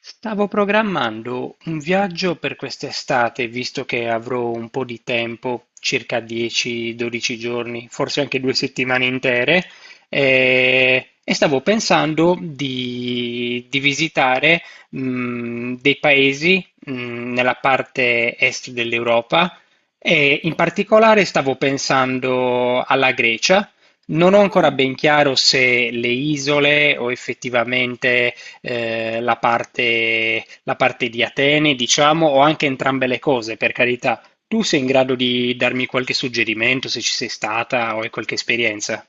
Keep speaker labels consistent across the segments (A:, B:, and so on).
A: Stavo programmando un viaggio per quest'estate, visto che avrò un po' di tempo, circa 10-12 giorni, forse anche due settimane intere, e stavo pensando di visitare dei paesi nella parte est dell'Europa e in
B: Oh.
A: particolare stavo pensando alla Grecia. Non ho ancora
B: Mm.
A: ben chiaro se le isole o effettivamente la parte di Atene, diciamo, o anche entrambe le cose, per carità. Tu sei in grado di darmi qualche suggerimento se ci sei stata o hai qualche esperienza?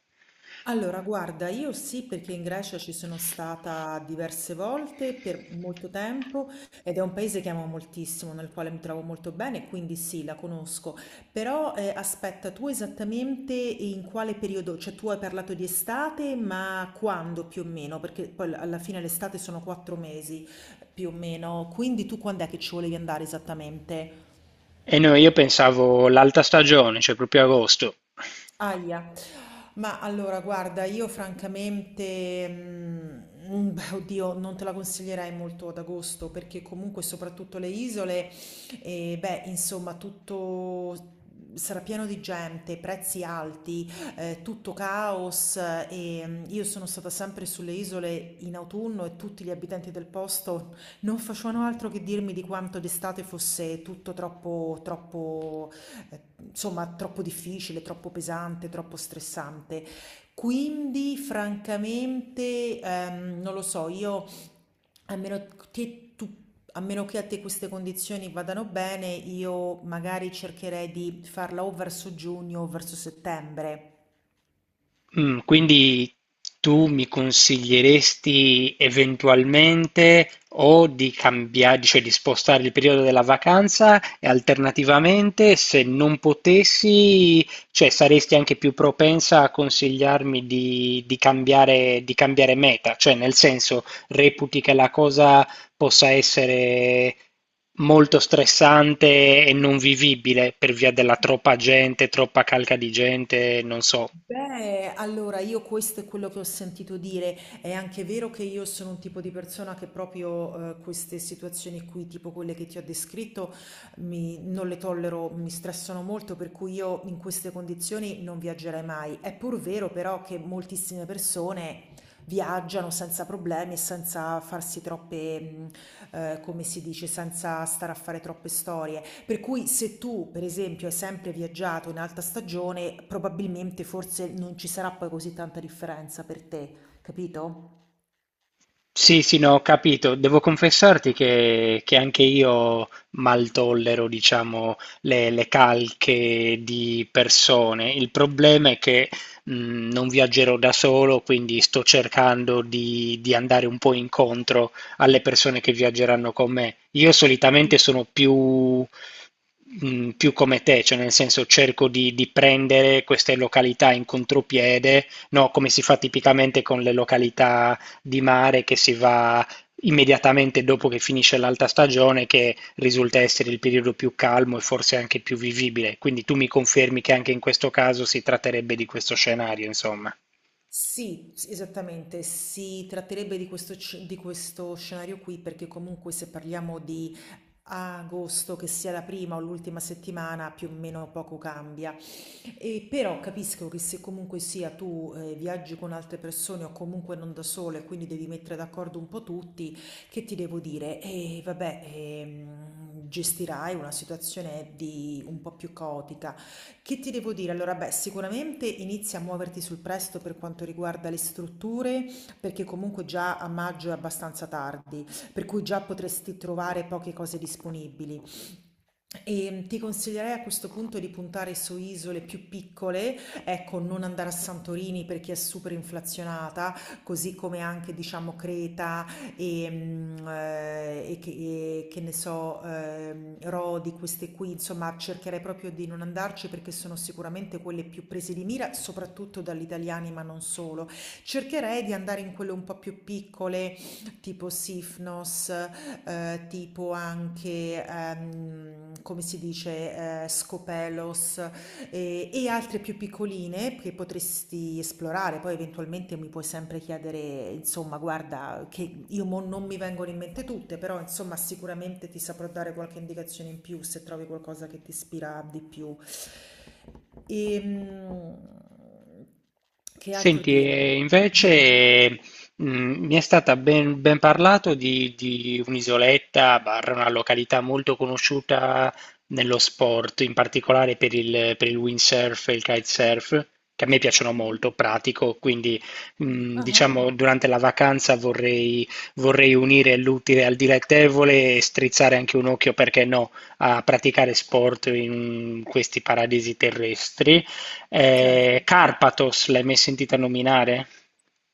B: Allora, guarda, io sì perché in Grecia ci sono stata diverse volte per molto tempo ed è un paese che amo moltissimo, nel quale mi trovo molto bene, quindi sì, la conosco. Però aspetta, tu esattamente in quale periodo? Cioè tu hai parlato di estate, ma quando più o meno? Perché poi alla fine l'estate sono 4 mesi più o meno, quindi tu quando è che ci volevi andare esattamente?
A: E no, io pensavo l'alta stagione, cioè proprio agosto.
B: Ahia. Ma allora, guarda, io francamente, beh, oddio, non te la consiglierei molto ad agosto perché comunque soprattutto le isole, beh, insomma, tutto sarà pieno di gente, prezzi alti, tutto caos eh, e io sono stata sempre sulle isole in autunno e tutti gli abitanti del posto non facevano altro che dirmi di quanto d'estate fosse tutto troppo eh, insomma troppo difficile, troppo pesante, troppo stressante. Quindi, francamente, non lo so, io a meno che tu a meno che a te queste condizioni vadano bene, io magari cercherei di farla o verso giugno o verso settembre.
A: Quindi tu mi consiglieresti eventualmente o di cambiare, cioè di spostare il periodo della vacanza e alternativamente, se non potessi, cioè saresti anche più propensa a consigliarmi di cambiare meta, cioè nel senso reputi che la cosa possa essere molto stressante e non vivibile per via della troppa gente, troppa calca di gente, non so.
B: Beh, allora io questo è quello che ho sentito dire. È anche vero che io sono un tipo di persona che proprio queste situazioni qui, tipo quelle che ti ho descritto, non le tollero, mi stressano molto, per cui io in queste condizioni non viaggerei mai. È pur vero però che moltissime persone viaggiano senza problemi e senza farsi troppe, come si dice, senza stare a fare troppe storie. Per cui se tu, per esempio, hai sempre viaggiato in alta stagione, probabilmente forse non ci sarà poi così tanta differenza per te, capito?
A: Sì, sì, no, ho capito. Devo confessarti che anche io mal tollero, diciamo, le calche di persone. Il problema è che non viaggerò da solo, quindi sto cercando di andare un po' incontro alle persone che viaggeranno con me. Io solitamente sono più come te, cioè nel senso cerco di prendere queste località in contropiede, no, come si fa tipicamente con le località di mare che si va immediatamente dopo che finisce l'alta stagione, che risulta essere il periodo più calmo e forse anche più vivibile. Quindi tu mi confermi che anche in questo caso si tratterebbe di questo scenario, insomma.
B: Sì, esattamente, si tratterebbe di questo, di questo scenario qui perché comunque se parliamo di agosto, che sia la prima o l'ultima settimana, più o meno poco cambia. E però capisco che se comunque sia tu viaggi con altre persone o comunque non da sole, quindi devi mettere d'accordo un po' tutti, che ti devo dire? E vabbè, gestirai una situazione di un po' più caotica. Che ti devo dire? Allora, beh, sicuramente inizia a muoverti sul presto per quanto riguarda le strutture, perché comunque già a maggio è abbastanza tardi, per cui già potresti trovare poche cose disponibili. Ti consiglierei a questo punto di puntare su isole più piccole, ecco, non andare a Santorini perché è super inflazionata, così come anche diciamo Creta e che ne so, Rodi, queste qui, insomma, cercherei proprio di non andarci perché sono sicuramente quelle più prese di mira, soprattutto dagli italiani, ma non solo. Cercherei di andare in quelle un po' più piccole tipo Sifnos, tipo anche, come si dice, Scopelos e altre più piccoline che potresti esplorare. Poi eventualmente mi puoi sempre chiedere, insomma, guarda, che io mo non mi vengono in mente tutte, però insomma sicuramente ti saprò dare qualche indicazione in più se trovi qualcosa che ti ispira di più. Ehm, che altro
A: Senti,
B: dire?
A: e
B: Dimmi.
A: invece mh, mi è stata ben parlato di un'isoletta, barra una località molto conosciuta nello sport, in particolare per il windsurf e il kitesurf, che a me piacciono
B: Mhm.
A: molto, pratico, quindi
B: Ah,
A: diciamo durante la vacanza vorrei unire l'utile al dilettevole e strizzare anche un occhio, perché no, a praticare sport in questi paradisi terrestri.
B: certo.
A: Carpathos, l'hai mai sentita nominare?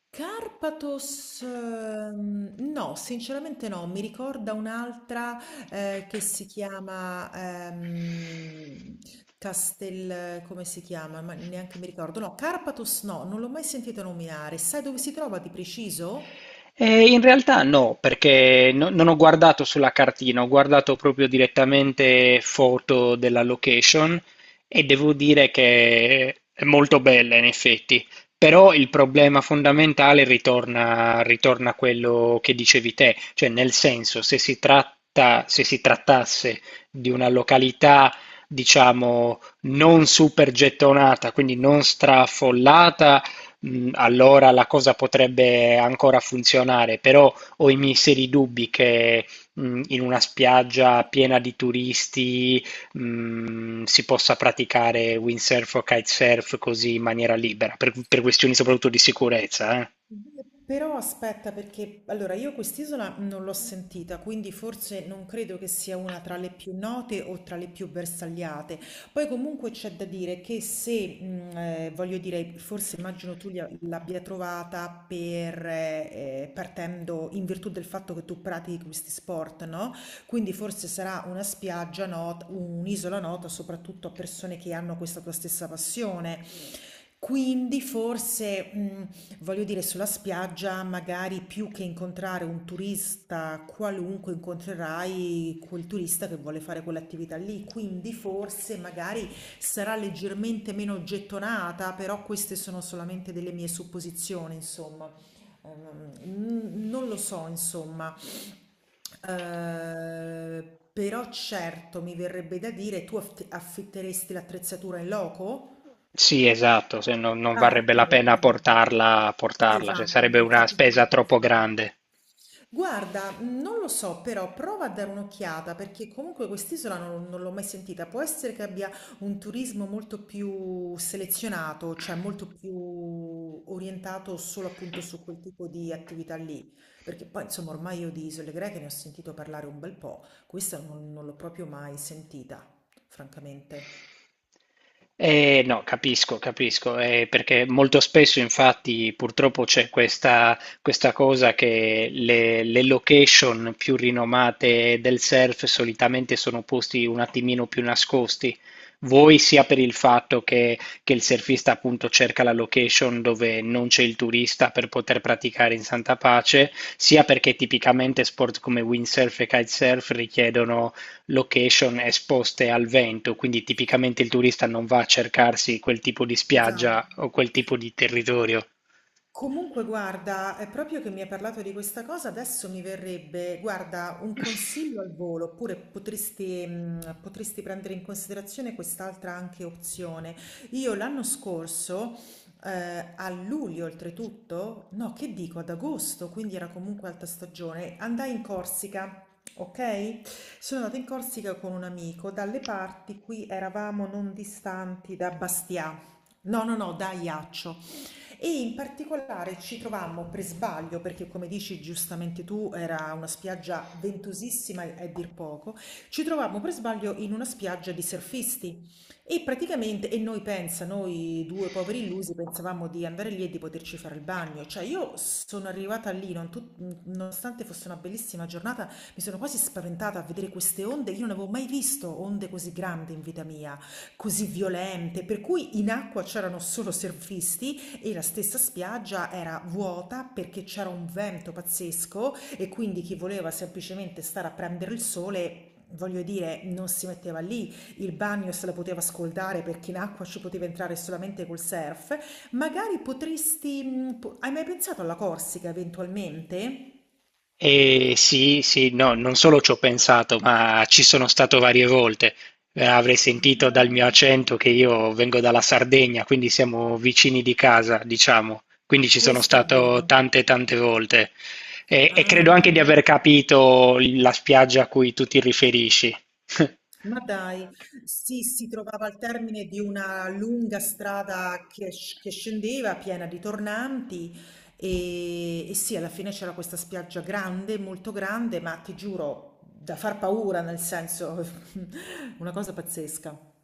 B: Carpathos, no, sinceramente no, mi ricorda un'altra che si chiama Castel, come si chiama? Ma neanche mi ricordo. No, Carpathos no, non l'ho mai sentita nominare. Sai dove si trova di preciso?
A: In realtà no, perché non ho guardato sulla cartina, ho guardato proprio direttamente foto della location e devo dire che è molto bella in effetti, però il problema fondamentale ritorna a quello che dicevi te, cioè nel senso se si trattasse di una località diciamo non super gettonata, quindi non straffollata, allora la cosa potrebbe ancora funzionare, però ho i miei seri dubbi che in una spiaggia piena di turisti si possa praticare windsurf o kitesurf così in maniera libera, per questioni soprattutto di sicurezza, eh.
B: Beh, però aspetta, perché allora io quest'isola non l'ho sentita, quindi forse non credo che sia una tra le più note o tra le più bersagliate. Poi comunque c'è da dire che se, voglio dire, forse immagino tu l'abbia trovata per, partendo in virtù del fatto che tu pratichi questi sport, no? Quindi forse sarà una spiaggia nota, un'isola nota soprattutto a persone che hanno questa tua stessa passione. Quindi forse... Voglio dire, sulla spiaggia magari più che incontrare un turista qualunque, incontrerai quel turista che vuole fare quell'attività lì, quindi forse magari sarà leggermente meno gettonata, però queste sono solamente delle mie supposizioni, insomma. Non lo so, insomma. Però certo mi verrebbe da dire, tu affitteresti l'attrezzatura in loco?
A: Sì, esatto, se no non
B: Ah,
A: varrebbe la
B: okay,
A: pena
B: okay.
A: portarla,
B: Sì,
A: portarla, cioè
B: vacuolo,
A: sarebbe una
B: infatti è quello
A: spesa
B: che
A: troppo
B: pensavo.
A: grande.
B: Guarda, non lo so, però prova a dare un'occhiata perché comunque quest'isola non l'ho mai sentita. Può essere che abbia un turismo molto più selezionato, cioè molto più orientato solo appunto su quel tipo di attività lì, perché poi insomma ormai io di isole greche ne ho sentito parlare un bel po', questa non l'ho proprio mai sentita, francamente.
A: No, capisco, capisco, perché molto spesso infatti purtroppo c'è questa cosa che le location più rinomate del surf solitamente sono posti un attimino più nascosti. Voi sia per il fatto che il surfista appunto cerca la location dove non c'è il turista per poter praticare in santa pace, sia perché tipicamente sport come windsurf e kitesurf richiedono location esposte al vento, quindi tipicamente il turista non va a cercarsi quel tipo di
B: Esatto.
A: spiaggia o quel tipo di territorio.
B: Comunque, guarda, è proprio che mi hai parlato di questa cosa, adesso mi verrebbe, guarda, un consiglio al volo, oppure potresti, potresti prendere in considerazione quest'altra anche opzione. Io l'anno scorso, a luglio oltretutto, no, che dico, ad agosto, quindi era comunque alta stagione, andai in Corsica. Ok? Sono andata in Corsica con un amico, dalle parti qui eravamo non distanti da Bastia, no, no, no, da Ajaccio. E in particolare ci trovammo per sbaglio, perché come dici giustamente tu, era una spiaggia ventosissima a dir poco, ci trovammo per sbaglio in una spiaggia di surfisti e praticamente, e noi pensa, noi due poveri illusi pensavamo di andare lì e di poterci fare il bagno, cioè io sono arrivata lì, non tut- nonostante fosse una bellissima giornata, mi sono quasi spaventata a vedere queste onde, io non avevo mai visto onde così grandi in vita mia, così violente, per cui in acqua c'erano solo surfisti e la stessa spiaggia era vuota perché c'era un vento pazzesco e quindi chi voleva semplicemente stare a prendere il sole, voglio dire, non si metteva lì. Il bagno se la poteva scaldare perché in acqua ci poteva entrare solamente col surf. Magari Hai mai pensato alla Corsica eventualmente?
A: E sì, sì, no, non solo ci ho pensato, ma ci sono stato varie volte. Avrei sentito dal mio
B: Ah,
A: accento che io vengo dalla Sardegna, quindi siamo vicini di casa, diciamo. Quindi ci sono
B: questo è
A: stato
B: vero.
A: tante, tante volte. E
B: Ah.
A: credo anche di aver capito la spiaggia a cui tu ti riferisci.
B: Ma dai, sì, si trovava al termine di una lunga strada che, che scendeva, piena di tornanti, e sì, alla fine c'era questa spiaggia grande, molto grande, ma ti giuro, da far paura, nel senso, una cosa pazzesca.